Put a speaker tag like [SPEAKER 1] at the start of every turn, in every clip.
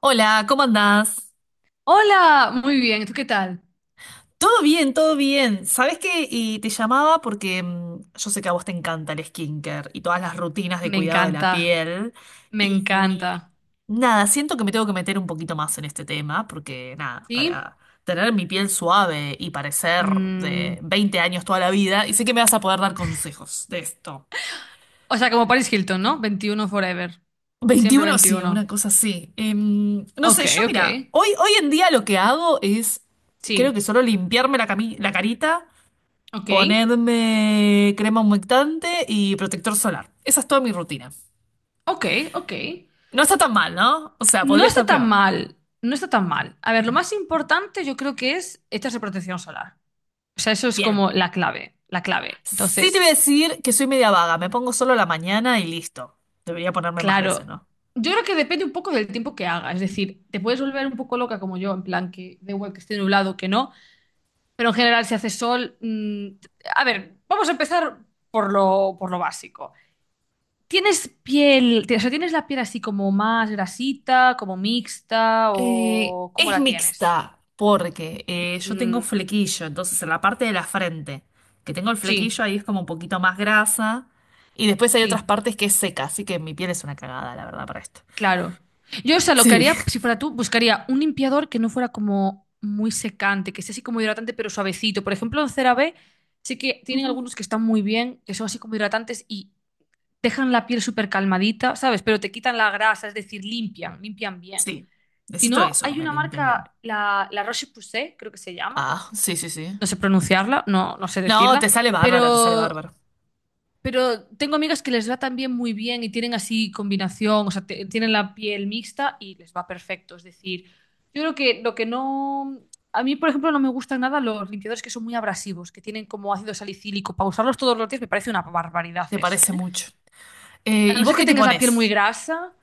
[SPEAKER 1] Hola, ¿cómo andás?
[SPEAKER 2] Hola, muy bien, ¿tú qué tal?
[SPEAKER 1] Todo bien, todo bien. ¿Sabés qué? Y te llamaba porque yo sé que a vos te encanta el skincare y todas las rutinas de
[SPEAKER 2] Me
[SPEAKER 1] cuidado de la
[SPEAKER 2] encanta,
[SPEAKER 1] piel.
[SPEAKER 2] me
[SPEAKER 1] Y,
[SPEAKER 2] encanta.
[SPEAKER 1] y nada, siento que me tengo que meter un poquito más en este tema porque nada,
[SPEAKER 2] ¿Sí?
[SPEAKER 1] para tener mi piel suave y parecer
[SPEAKER 2] Mm,
[SPEAKER 1] de 20 años toda la vida, y sé que me vas a poder dar consejos de esto.
[SPEAKER 2] o sea, como Paris Hilton, ¿no? 21 forever. Siempre
[SPEAKER 1] 21, sí, una
[SPEAKER 2] 21.
[SPEAKER 1] cosa así. No
[SPEAKER 2] Ok,
[SPEAKER 1] sé, yo
[SPEAKER 2] ok.
[SPEAKER 1] mira, hoy en día lo que hago es, creo que
[SPEAKER 2] Sí,
[SPEAKER 1] solo limpiarme la carita.
[SPEAKER 2] ok,
[SPEAKER 1] Ponerme crema humectante y protector solar. Esa es toda mi rutina.
[SPEAKER 2] ok, ok.
[SPEAKER 1] No está tan mal, ¿no? O sea,
[SPEAKER 2] No
[SPEAKER 1] podría estar
[SPEAKER 2] está tan
[SPEAKER 1] peor.
[SPEAKER 2] mal, no está tan mal. A ver, lo más importante yo creo que es echarse protección solar. O sea, eso es
[SPEAKER 1] Bien.
[SPEAKER 2] como la clave, la clave.
[SPEAKER 1] Sí te voy
[SPEAKER 2] Entonces,
[SPEAKER 1] a decir que soy media vaga. Me pongo solo a la mañana y listo. Debería ponerme más
[SPEAKER 2] claro,
[SPEAKER 1] veces, ¿no?
[SPEAKER 2] yo creo que depende un poco del tiempo que haga. Es decir, te puedes volver un poco loca como yo, en plan que da igual que esté nublado que no. Pero en general, si hace sol. A ver, vamos a empezar por lo básico. ¿Tienes piel, o sea, tienes la piel así como más grasita, como mixta o cómo
[SPEAKER 1] Es
[SPEAKER 2] la tienes?
[SPEAKER 1] mixta porque yo tengo
[SPEAKER 2] Mm,
[SPEAKER 1] flequillo, entonces en la parte de la frente que tengo el flequillo
[SPEAKER 2] sí,
[SPEAKER 1] ahí es como un poquito más grasa y después hay otras
[SPEAKER 2] sí,
[SPEAKER 1] partes que es seca, así que mi piel es una cagada, la verdad, para esto.
[SPEAKER 2] claro. Yo, o sea, lo que
[SPEAKER 1] Sí.
[SPEAKER 2] haría, si fuera tú, buscaría un limpiador que no fuera como muy secante, que sea así como hidratante pero suavecito. Por ejemplo, en CeraVe sí que tienen
[SPEAKER 1] Ujú.
[SPEAKER 2] algunos que están muy bien, que son así como hidratantes y dejan la piel súper calmadita, ¿sabes? Pero te quitan la grasa, es decir, limpian, limpian bien.
[SPEAKER 1] Sí,
[SPEAKER 2] Si
[SPEAKER 1] necesito
[SPEAKER 2] no,
[SPEAKER 1] eso, que
[SPEAKER 2] hay
[SPEAKER 1] me
[SPEAKER 2] una
[SPEAKER 1] limpien bien.
[SPEAKER 2] marca, la Roche-Posay, creo que se llama,
[SPEAKER 1] Ah, sí, sí, sí.
[SPEAKER 2] no sé pronunciarla, no, no sé
[SPEAKER 1] No,
[SPEAKER 2] decirla,
[SPEAKER 1] te sale bárbara, te sale
[SPEAKER 2] pero,
[SPEAKER 1] bárbara.
[SPEAKER 2] pero tengo amigas que les va también muy bien y tienen así combinación, o sea, tienen la piel mixta y les va perfecto. Es decir, yo creo que lo que no... A mí, por ejemplo, no me gustan nada los limpiadores que son muy abrasivos, que tienen como ácido salicílico. Para usarlos todos los días me parece una barbaridad
[SPEAKER 1] Te
[SPEAKER 2] eso.
[SPEAKER 1] parece
[SPEAKER 2] ¿Eh?
[SPEAKER 1] mucho.
[SPEAKER 2] A
[SPEAKER 1] ¿Y
[SPEAKER 2] no
[SPEAKER 1] vos
[SPEAKER 2] ser que
[SPEAKER 1] qué te
[SPEAKER 2] tengas la piel muy
[SPEAKER 1] pones?
[SPEAKER 2] grasa,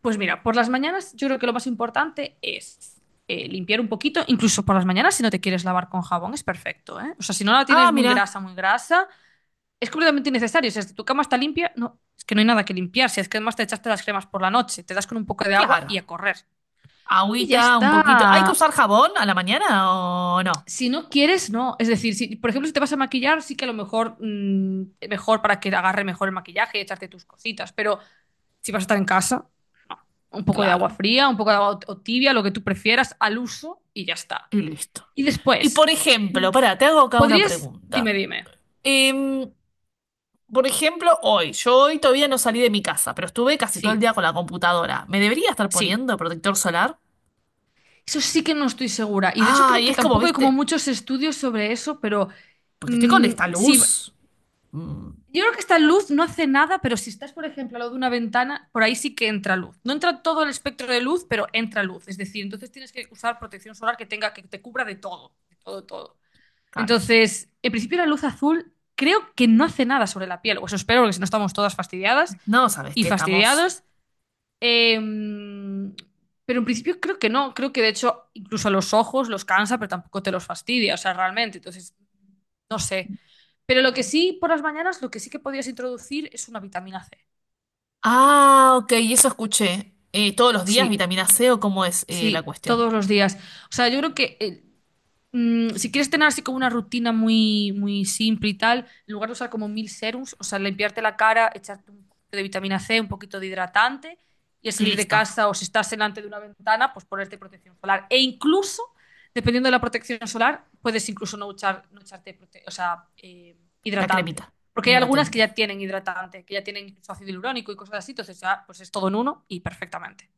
[SPEAKER 2] pues mira, por las mañanas yo creo que lo más importante es limpiar un poquito, incluso por las mañanas si no te quieres lavar con jabón es perfecto, ¿eh? O sea, si no la
[SPEAKER 1] Ah,
[SPEAKER 2] tienes
[SPEAKER 1] mira,
[SPEAKER 2] muy grasa, es completamente innecesario. O sea, si tu cama está limpia, no, es que no hay nada que limpiar. Si es que además te echaste las cremas por la noche, te das con un poco de agua
[SPEAKER 1] claro.
[SPEAKER 2] y a correr. Y ya
[SPEAKER 1] Agüita, un poquito. ¿Hay que
[SPEAKER 2] está.
[SPEAKER 1] usar jabón a la mañana o no?
[SPEAKER 2] Si no quieres, no. Es decir, si, por ejemplo, si te vas a maquillar, sí que a lo mejor, mejor para que agarre mejor el maquillaje y echarte tus cositas, pero... si vas a estar en casa, no. Un poco de agua
[SPEAKER 1] Claro.
[SPEAKER 2] fría, un poco de agua o tibia, lo que tú prefieras, al uso y ya está.
[SPEAKER 1] Y listo.
[SPEAKER 2] Y
[SPEAKER 1] Y
[SPEAKER 2] después,
[SPEAKER 1] por ejemplo, pará, te hago acá una
[SPEAKER 2] podrías, dime,
[SPEAKER 1] pregunta.
[SPEAKER 2] dime.
[SPEAKER 1] Em, por ejemplo, hoy, yo hoy todavía no salí de mi casa, pero estuve casi todo el día
[SPEAKER 2] Sí,
[SPEAKER 1] con la computadora. ¿Me debería estar
[SPEAKER 2] sí.
[SPEAKER 1] poniendo protector solar?
[SPEAKER 2] Eso sí que no estoy segura. Y de hecho
[SPEAKER 1] Ah,
[SPEAKER 2] creo
[SPEAKER 1] y
[SPEAKER 2] que
[SPEAKER 1] es como,
[SPEAKER 2] tampoco hay como
[SPEAKER 1] viste,
[SPEAKER 2] muchos estudios sobre eso, pero
[SPEAKER 1] porque estoy con esta
[SPEAKER 2] si, yo
[SPEAKER 1] luz. Mm,
[SPEAKER 2] creo que esta luz no hace nada, pero si estás, por ejemplo, al lado de una ventana, por ahí sí que entra luz. No entra todo el espectro de luz, pero entra luz. Es decir, entonces tienes que usar protección solar que tenga, que te cubra de todo, todo.
[SPEAKER 1] claro.
[SPEAKER 2] Entonces, en principio la luz azul creo que no hace nada sobre la piel, o eso espero, porque si no estamos todas fastidiadas
[SPEAKER 1] No, ¿sabes
[SPEAKER 2] y
[SPEAKER 1] qué? Estamos.
[SPEAKER 2] fastidiados. Em, pero en principio creo que no, creo que de hecho incluso a los ojos los cansa, pero tampoco te los fastidia, o sea, realmente, entonces, no sé. Pero lo que sí, por las mañanas, lo que sí que podías introducir es una vitamina C.
[SPEAKER 1] Ah, ok, eso escuché. Todos los días
[SPEAKER 2] Sí,
[SPEAKER 1] vitamina C o cómo es la
[SPEAKER 2] sí,
[SPEAKER 1] cuestión.
[SPEAKER 2] todos los días. O sea, yo creo que si quieres tener así como una rutina muy, muy simple y tal, en lugar de usar como mil serums, o sea, limpiarte la cara, echarte un poquito de vitamina C, un poquito de hidratante, y al
[SPEAKER 1] Y
[SPEAKER 2] salir de
[SPEAKER 1] listo,
[SPEAKER 2] casa o si estás delante de una ventana, pues ponerte protección solar. E incluso, dependiendo de la protección solar, puedes incluso no, echar, no echarte prote- o sea,
[SPEAKER 1] la
[SPEAKER 2] hidratante.
[SPEAKER 1] cremita
[SPEAKER 2] Porque hay algunas que
[SPEAKER 1] hidratante.
[SPEAKER 2] ya tienen hidratante, que ya tienen incluso ácido hialurónico y cosas así, entonces ya pues es todo en uno y perfectamente.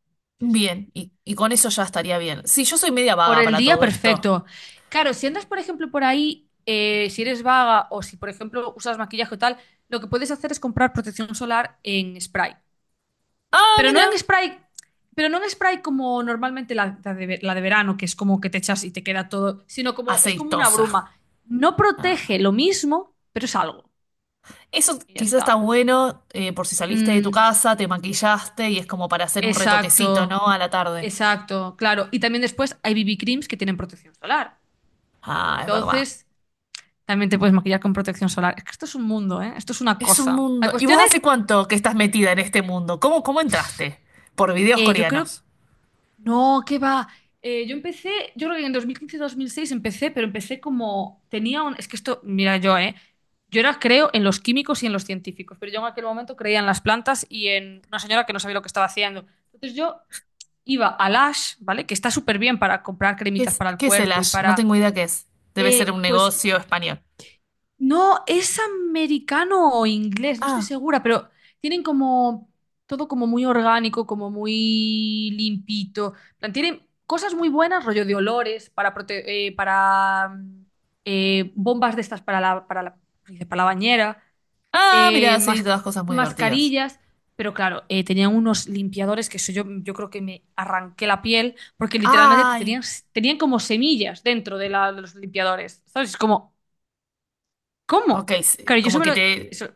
[SPEAKER 2] Sí, sí, sí.
[SPEAKER 1] Bien, y con eso ya estaría bien. Sí, yo soy media
[SPEAKER 2] Por
[SPEAKER 1] vaga
[SPEAKER 2] el
[SPEAKER 1] para
[SPEAKER 2] día,
[SPEAKER 1] todo esto.
[SPEAKER 2] perfecto. Claro, si andas, por ejemplo, por ahí, si eres vaga o si, por ejemplo, usas maquillaje o tal, lo que puedes hacer es comprar protección solar en spray.
[SPEAKER 1] Ah,
[SPEAKER 2] Pero no
[SPEAKER 1] mira,
[SPEAKER 2] en spray, pero no en spray como normalmente la de verano, que es como que te echas y te queda todo, sino como es como una
[SPEAKER 1] aceitosa.
[SPEAKER 2] bruma. No
[SPEAKER 1] Ah.
[SPEAKER 2] protege lo mismo, pero es algo.
[SPEAKER 1] Eso
[SPEAKER 2] Y ya
[SPEAKER 1] quizás está
[SPEAKER 2] está.
[SPEAKER 1] bueno por si saliste de tu
[SPEAKER 2] Mm,
[SPEAKER 1] casa, te maquillaste y es como para hacer un retoquecito,
[SPEAKER 2] exacto,
[SPEAKER 1] ¿no? A la tarde.
[SPEAKER 2] exacto, claro. Y también después hay BB creams que tienen protección solar.
[SPEAKER 1] Ah, es verdad.
[SPEAKER 2] Entonces... También te puedes maquillar con protección solar. Es que esto es un mundo, ¿eh? Esto es una
[SPEAKER 1] Es un
[SPEAKER 2] cosa. La
[SPEAKER 1] mundo. ¿Y
[SPEAKER 2] cuestión
[SPEAKER 1] vos
[SPEAKER 2] es,
[SPEAKER 1] hace cuánto que estás metida en este mundo? ¿Cómo, cómo entraste? Por videos
[SPEAKER 2] yo creo,
[SPEAKER 1] coreanos.
[SPEAKER 2] no, ¿qué va? Yo empecé, yo creo que en 2015-2006 empecé, pero empecé como, tenía un, es que esto, mira yo, ¿eh? Yo era, creo, en los químicos y en los científicos, pero yo en aquel momento creía en las plantas y en una señora que no sabía lo que estaba haciendo. Entonces yo iba a Lash, ¿vale? Que está súper bien para comprar cremitas para el
[SPEAKER 1] Qué es el
[SPEAKER 2] cuerpo y
[SPEAKER 1] Ash? No
[SPEAKER 2] para...
[SPEAKER 1] tengo idea qué es. Debe ser un
[SPEAKER 2] pues
[SPEAKER 1] negocio español.
[SPEAKER 2] no, es americano o inglés, no estoy
[SPEAKER 1] Ah.
[SPEAKER 2] segura, pero tienen como todo como muy orgánico, como muy limpito. En plan, tienen cosas muy buenas, rollo de olores, para, prote- para bombas de estas para la, dice, para la bañera,
[SPEAKER 1] Ah,
[SPEAKER 2] eh,
[SPEAKER 1] mira, sí,
[SPEAKER 2] mas-
[SPEAKER 1] todas cosas muy divertidas.
[SPEAKER 2] mascarillas, pero claro, tenían unos limpiadores que eso yo, creo que me arranqué la piel, porque literalmente te
[SPEAKER 1] Ay.
[SPEAKER 2] tenían, tenían como semillas dentro de, de los limpiadores, ¿sabes? Es como...
[SPEAKER 1] Ok,
[SPEAKER 2] ¿Cómo?
[SPEAKER 1] sí,
[SPEAKER 2] Claro, yo eso
[SPEAKER 1] como
[SPEAKER 2] me
[SPEAKER 1] que
[SPEAKER 2] lo...
[SPEAKER 1] te...
[SPEAKER 2] Eso,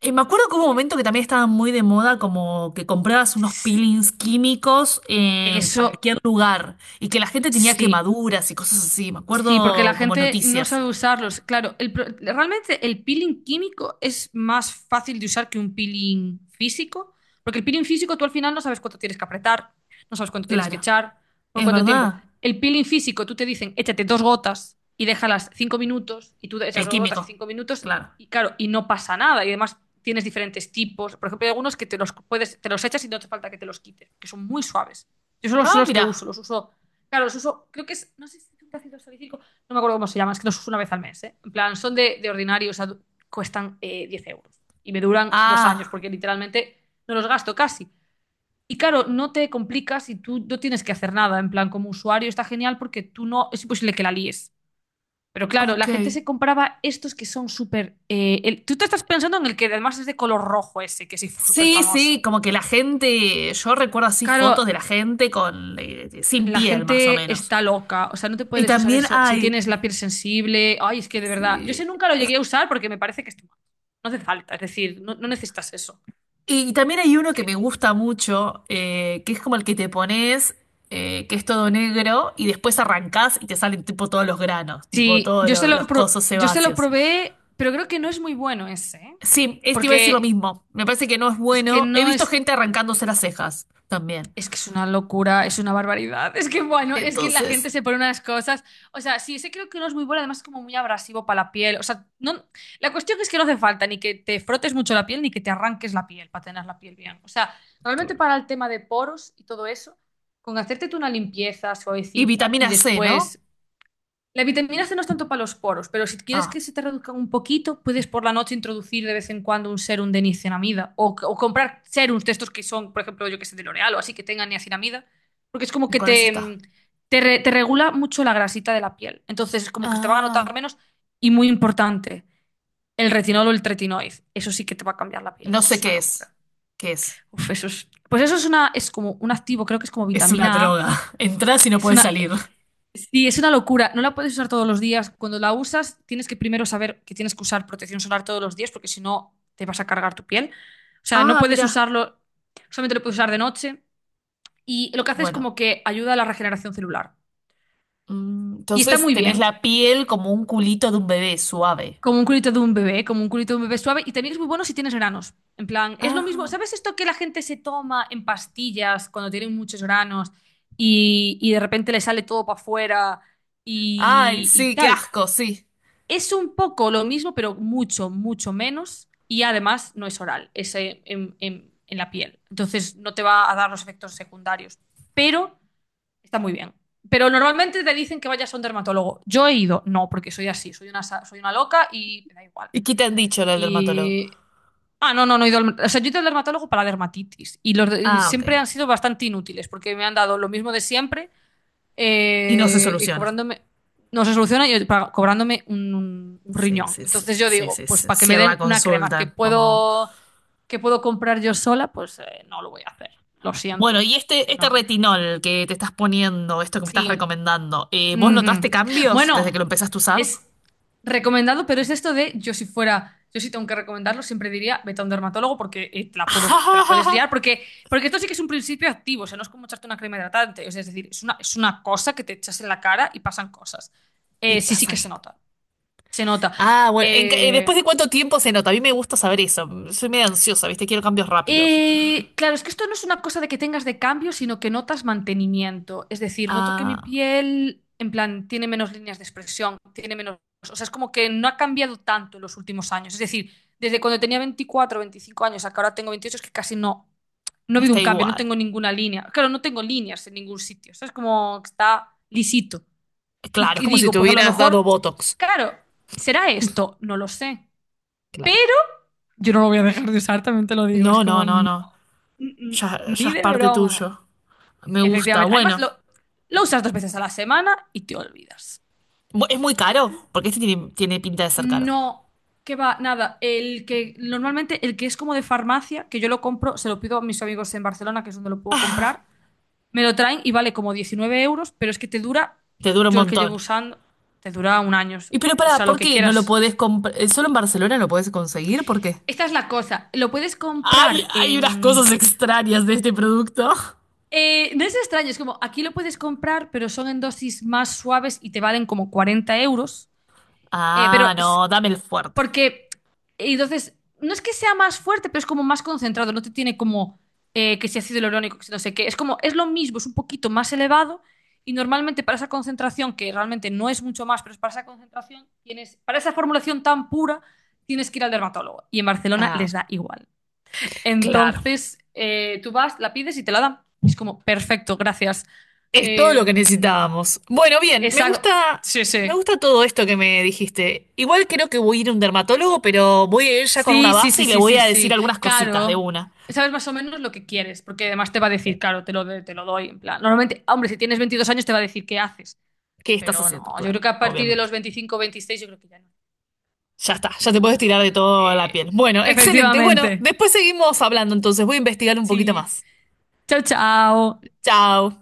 [SPEAKER 1] Me acuerdo que hubo un momento que también estaba muy de moda, como que comprabas unos peelings químicos en
[SPEAKER 2] eso
[SPEAKER 1] cualquier lugar y que la gente tenía
[SPEAKER 2] sí.
[SPEAKER 1] quemaduras y cosas así. Me
[SPEAKER 2] Sí, porque la
[SPEAKER 1] acuerdo como
[SPEAKER 2] gente no
[SPEAKER 1] noticias.
[SPEAKER 2] sabe usarlos. Claro, realmente el peeling químico es más fácil de usar que un peeling físico, porque el peeling físico tú al final no sabes cuánto tienes que apretar, no sabes cuánto tienes que
[SPEAKER 1] Claro,
[SPEAKER 2] echar, por
[SPEAKER 1] es
[SPEAKER 2] cuánto tiempo.
[SPEAKER 1] verdad.
[SPEAKER 2] El peeling físico tú te dicen, échate dos gotas y déjalas 5 minutos, y tú echas
[SPEAKER 1] El
[SPEAKER 2] dos gotas y
[SPEAKER 1] químico,
[SPEAKER 2] 5 minutos,
[SPEAKER 1] claro.
[SPEAKER 2] y claro, y no pasa nada. Y además tienes diferentes tipos. Por ejemplo, hay algunos que te los puedes, te los echas y no hace falta que te los quites, que son muy suaves. Yo solo son
[SPEAKER 1] Ah,
[SPEAKER 2] los que uso,
[SPEAKER 1] mira.
[SPEAKER 2] los uso. Claro, los uso, creo que es, no sé si es un ácido salicílico, no me acuerdo cómo se llama, es que los uso una vez al mes, ¿eh? En plan, son de ordinario, o sea, cuestan 10 euros y me duran 2 años
[SPEAKER 1] Ah,
[SPEAKER 2] porque literalmente no los gasto casi. Y claro, no te complicas y tú no tienes que hacer nada, en plan, como usuario está genial porque tú no, es imposible que la líes. Pero claro,
[SPEAKER 1] ok.
[SPEAKER 2] la gente se compraba estos que son súper... tú te estás pensando en el que además es de color rojo ese, que es súper
[SPEAKER 1] Sí, sí,
[SPEAKER 2] famoso.
[SPEAKER 1] como que la gente, yo recuerdo así fotos de
[SPEAKER 2] Claro,
[SPEAKER 1] la gente con sin
[SPEAKER 2] la
[SPEAKER 1] piel más o
[SPEAKER 2] gente
[SPEAKER 1] menos.
[SPEAKER 2] está loca, o sea, no te
[SPEAKER 1] Y
[SPEAKER 2] puedes usar
[SPEAKER 1] también
[SPEAKER 2] eso si
[SPEAKER 1] hay,
[SPEAKER 2] tienes la piel sensible. Ay, es que de verdad, yo ese
[SPEAKER 1] sí,
[SPEAKER 2] nunca lo llegué a usar porque me parece que es no hace falta, es decir, no, no necesitas eso.
[SPEAKER 1] y también hay uno que me
[SPEAKER 2] Que-
[SPEAKER 1] gusta mucho, que es como el que te pones, que es todo negro, y después arrancás y te salen tipo todos los granos, tipo
[SPEAKER 2] Sí,
[SPEAKER 1] todos los cosos
[SPEAKER 2] yo se lo
[SPEAKER 1] sebáceos.
[SPEAKER 2] probé, pero creo que no es muy bueno ese, ¿eh?
[SPEAKER 1] Sí, este iba a decir lo
[SPEAKER 2] Porque
[SPEAKER 1] mismo. Me parece que no es
[SPEAKER 2] es que
[SPEAKER 1] bueno. He
[SPEAKER 2] no
[SPEAKER 1] visto
[SPEAKER 2] es,
[SPEAKER 1] gente arrancándose las cejas también.
[SPEAKER 2] es que es una locura, es una barbaridad. Es que, bueno, es que la gente
[SPEAKER 1] Entonces.
[SPEAKER 2] se pone unas cosas. O sea, sí, ese creo que no es muy bueno, además es como muy abrasivo para la piel. O sea, no, la cuestión es que no hace falta ni que te frotes mucho la piel ni que te arranques la piel para tener la piel bien. O sea, realmente
[SPEAKER 1] Claro.
[SPEAKER 2] para el tema de poros y todo eso, con hacerte tú una limpieza
[SPEAKER 1] Y
[SPEAKER 2] suavecita y
[SPEAKER 1] vitamina C, ¿no?
[SPEAKER 2] después la vitamina C no es tanto para los poros, pero si quieres
[SPEAKER 1] Ah,
[SPEAKER 2] que se te reduzcan un poquito, puedes por la noche introducir de vez en cuando un serum de niacinamida o comprar serums de estos que son, por ejemplo, yo que sé, de L'Oreal o así que tengan niacinamida, porque es como
[SPEAKER 1] y
[SPEAKER 2] que
[SPEAKER 1] con eso
[SPEAKER 2] te,
[SPEAKER 1] está.
[SPEAKER 2] te regula mucho la grasita de la piel. Entonces es como que te van a notar
[SPEAKER 1] Ah,
[SPEAKER 2] menos y muy importante, el retinol o el tretinoid. Eso sí que te va a cambiar la piel.
[SPEAKER 1] no
[SPEAKER 2] Eso
[SPEAKER 1] sé
[SPEAKER 2] es una
[SPEAKER 1] qué es.
[SPEAKER 2] locura.
[SPEAKER 1] ¿Qué es?
[SPEAKER 2] Uf, eso es, pues eso es una, es como un activo, creo que es como
[SPEAKER 1] Es una
[SPEAKER 2] vitamina A.
[SPEAKER 1] droga. Entrás y no
[SPEAKER 2] Es
[SPEAKER 1] puedes
[SPEAKER 2] una.
[SPEAKER 1] salir.
[SPEAKER 2] Sí, es una locura. No la puedes usar todos los días. Cuando la usas, tienes que primero saber que tienes que usar protección solar todos los días, porque si no, te vas a cargar tu piel. O sea, no
[SPEAKER 1] Ah,
[SPEAKER 2] puedes
[SPEAKER 1] mira.
[SPEAKER 2] usarlo, solamente lo puedes usar de noche. Y lo que hace es
[SPEAKER 1] Bueno,
[SPEAKER 2] como que ayuda a la regeneración celular. Y está
[SPEAKER 1] entonces
[SPEAKER 2] muy
[SPEAKER 1] tenés
[SPEAKER 2] bien,
[SPEAKER 1] la piel como un culito de un bebé suave.
[SPEAKER 2] como un culito de un bebé, como un culito de un bebé suave. Y también es muy bueno si tienes granos. En plan, es lo mismo.
[SPEAKER 1] Ah.
[SPEAKER 2] ¿Sabes esto que la gente se toma en pastillas cuando tienen muchos granos y de repente le sale todo para afuera
[SPEAKER 1] Ay,
[SPEAKER 2] y
[SPEAKER 1] sí, qué
[SPEAKER 2] tal?
[SPEAKER 1] asco, sí.
[SPEAKER 2] Es un poco lo mismo, pero mucho, mucho menos. Y además no es oral, es en la piel. Entonces no te va a dar los efectos secundarios. Pero está muy bien. Pero normalmente te dicen que vayas a un dermatólogo. Yo he ido, no, porque soy así, soy una loca y me da igual.
[SPEAKER 1] ¿Y qué te han dicho los dermatólogo?
[SPEAKER 2] Y. Ah, no, no, no he ido al. O sea, yo he ido al dermatólogo para la dermatitis. Y y
[SPEAKER 1] Ah,
[SPEAKER 2] siempre
[SPEAKER 1] ok.
[SPEAKER 2] han sido bastante inútiles, porque me han dado lo mismo de siempre
[SPEAKER 1] Y no se
[SPEAKER 2] y
[SPEAKER 1] soluciona.
[SPEAKER 2] cobrándome, no se soluciona y cobrándome un
[SPEAKER 1] Sí,
[SPEAKER 2] riñón.
[SPEAKER 1] sí, sí,
[SPEAKER 2] Entonces yo
[SPEAKER 1] sí,
[SPEAKER 2] digo,
[SPEAKER 1] sí, sí,
[SPEAKER 2] pues
[SPEAKER 1] sí,
[SPEAKER 2] para que
[SPEAKER 1] sí,
[SPEAKER 2] me
[SPEAKER 1] en la
[SPEAKER 2] den una crema que
[SPEAKER 1] consulta, como...
[SPEAKER 2] puedo, que puedo comprar yo sola, pues no lo voy a hacer. Lo
[SPEAKER 1] Bueno,
[SPEAKER 2] siento.
[SPEAKER 1] y este
[SPEAKER 2] No.
[SPEAKER 1] retinol que te estás poniendo, esto que me estás
[SPEAKER 2] Sí.
[SPEAKER 1] recomendando, ¿vos
[SPEAKER 2] Ujú.
[SPEAKER 1] notaste cambios desde que lo
[SPEAKER 2] Bueno,
[SPEAKER 1] empezaste a usar?
[SPEAKER 2] es recomendado, pero es esto de yo si tengo que recomendarlo, siempre diría vete a un dermatólogo porque te la puedes liar, porque esto sí que es un principio activo, o sea, no es como echarte una crema hidratante, o sea, es decir, es una cosa que te echas en la cara y pasan cosas.
[SPEAKER 1] Y
[SPEAKER 2] Sí, sí que
[SPEAKER 1] pasan.
[SPEAKER 2] se nota, se nota.
[SPEAKER 1] Ah, bueno,
[SPEAKER 2] Eh,
[SPEAKER 1] ¿después de cuánto tiempo se nota? A mí me gusta saber eso. Soy medio ansiosa, ¿viste? Quiero cambios rápidos.
[SPEAKER 2] Claro, es que esto no es una cosa de que tengas de cambio, sino que notas mantenimiento. Es decir, noto que mi
[SPEAKER 1] Ah,
[SPEAKER 2] piel, en plan, tiene menos líneas de expresión, tiene menos. O sea, es como que no ha cambiado tanto en los últimos años. Es decir, desde cuando tenía 24, 25 años a que ahora tengo 28, es que casi no, no ha habido
[SPEAKER 1] está
[SPEAKER 2] un cambio, no
[SPEAKER 1] igual.
[SPEAKER 2] tengo ninguna línea. Claro, no tengo líneas en ningún sitio. O sea, es como que está lisito.
[SPEAKER 1] Claro,
[SPEAKER 2] Y,
[SPEAKER 1] es
[SPEAKER 2] y
[SPEAKER 1] como si
[SPEAKER 2] digo,
[SPEAKER 1] te
[SPEAKER 2] pues a lo
[SPEAKER 1] hubieras dado
[SPEAKER 2] mejor,
[SPEAKER 1] Botox.
[SPEAKER 2] claro, ¿será esto? No lo sé.
[SPEAKER 1] Claro.
[SPEAKER 2] Yo no lo voy a dejar de usar, también te lo digo. Es
[SPEAKER 1] No, no,
[SPEAKER 2] como,
[SPEAKER 1] no,
[SPEAKER 2] Mm,
[SPEAKER 1] no.
[SPEAKER 2] mm,
[SPEAKER 1] Ya, ya
[SPEAKER 2] Ni
[SPEAKER 1] es
[SPEAKER 2] de
[SPEAKER 1] parte
[SPEAKER 2] broma.
[SPEAKER 1] tuyo. Me gusta.
[SPEAKER 2] Efectivamente. Además,
[SPEAKER 1] Bueno,
[SPEAKER 2] lo usas dos veces a la semana y te olvidas.
[SPEAKER 1] Es muy caro, porque este tiene, tiene pinta de ser caro.
[SPEAKER 2] No, que va, nada. El que normalmente, el que es como de farmacia, que yo lo compro, se lo pido a mis amigos en Barcelona, que es donde lo puedo comprar. Me lo traen y vale como 19 euros, pero es que te dura,
[SPEAKER 1] Te dura un
[SPEAKER 2] yo el que llevo
[SPEAKER 1] montón.
[SPEAKER 2] usando, te dura un año,
[SPEAKER 1] Y pero
[SPEAKER 2] o
[SPEAKER 1] pará,
[SPEAKER 2] sea, lo
[SPEAKER 1] ¿por
[SPEAKER 2] que
[SPEAKER 1] qué no lo
[SPEAKER 2] quieras.
[SPEAKER 1] podés comprar? ¿Solo en Barcelona lo podés conseguir? ¿Por qué?
[SPEAKER 2] Esta es la cosa. Lo puedes
[SPEAKER 1] Ay,
[SPEAKER 2] comprar
[SPEAKER 1] hay unas
[SPEAKER 2] en...
[SPEAKER 1] cosas extrañas de este producto.
[SPEAKER 2] No es extraño, es como aquí lo puedes comprar, pero son en dosis más suaves y te valen como 40 euros. Pero
[SPEAKER 1] Ah,
[SPEAKER 2] es-
[SPEAKER 1] no, dame el fuerte.
[SPEAKER 2] porque Y entonces no es que sea más fuerte, pero es como más concentrado, no te tiene como que si ácido hialurónico, que si no sé qué, es como es lo mismo, es un poquito más elevado y normalmente para esa concentración que realmente no es mucho más, pero es para esa concentración tienes para esa formulación tan pura tienes que ir al dermatólogo y en Barcelona les
[SPEAKER 1] Ah,
[SPEAKER 2] da igual.
[SPEAKER 1] claro.
[SPEAKER 2] Entonces tú vas, la pides y te la dan. Y es como perfecto, gracias.
[SPEAKER 1] Es todo
[SPEAKER 2] Eh,
[SPEAKER 1] lo que necesitábamos. Bueno, bien,
[SPEAKER 2] esa- sí,
[SPEAKER 1] me
[SPEAKER 2] sí.
[SPEAKER 1] gusta todo esto que me dijiste. Igual creo que voy a ir a un dermatólogo, pero voy a ir ya con una
[SPEAKER 2] Sí, sí,
[SPEAKER 1] base
[SPEAKER 2] sí,
[SPEAKER 1] y le
[SPEAKER 2] sí,
[SPEAKER 1] voy
[SPEAKER 2] sí,
[SPEAKER 1] a decir
[SPEAKER 2] sí.
[SPEAKER 1] algunas cositas de
[SPEAKER 2] Caro.
[SPEAKER 1] una.
[SPEAKER 2] Sabes más o menos lo que quieres, porque además te va a
[SPEAKER 1] Sí.
[SPEAKER 2] decir, claro, te lo doy. En plan, normalmente, hombre, si tienes 22 años te va a decir qué haces,
[SPEAKER 1] ¿Qué estás
[SPEAKER 2] pero
[SPEAKER 1] haciendo?
[SPEAKER 2] no, yo creo
[SPEAKER 1] Claro,
[SPEAKER 2] que a partir de
[SPEAKER 1] obviamente.
[SPEAKER 2] los 25, o 26 yo creo que ya no.
[SPEAKER 1] Ya está, ya te puedes tirar de toda la
[SPEAKER 2] Eh,
[SPEAKER 1] piel. Bueno, excelente. Bueno,
[SPEAKER 2] Efectivamente.
[SPEAKER 1] después seguimos hablando, entonces voy a investigar un poquito
[SPEAKER 2] Sí.
[SPEAKER 1] más.
[SPEAKER 2] Chao, chao.
[SPEAKER 1] Chao.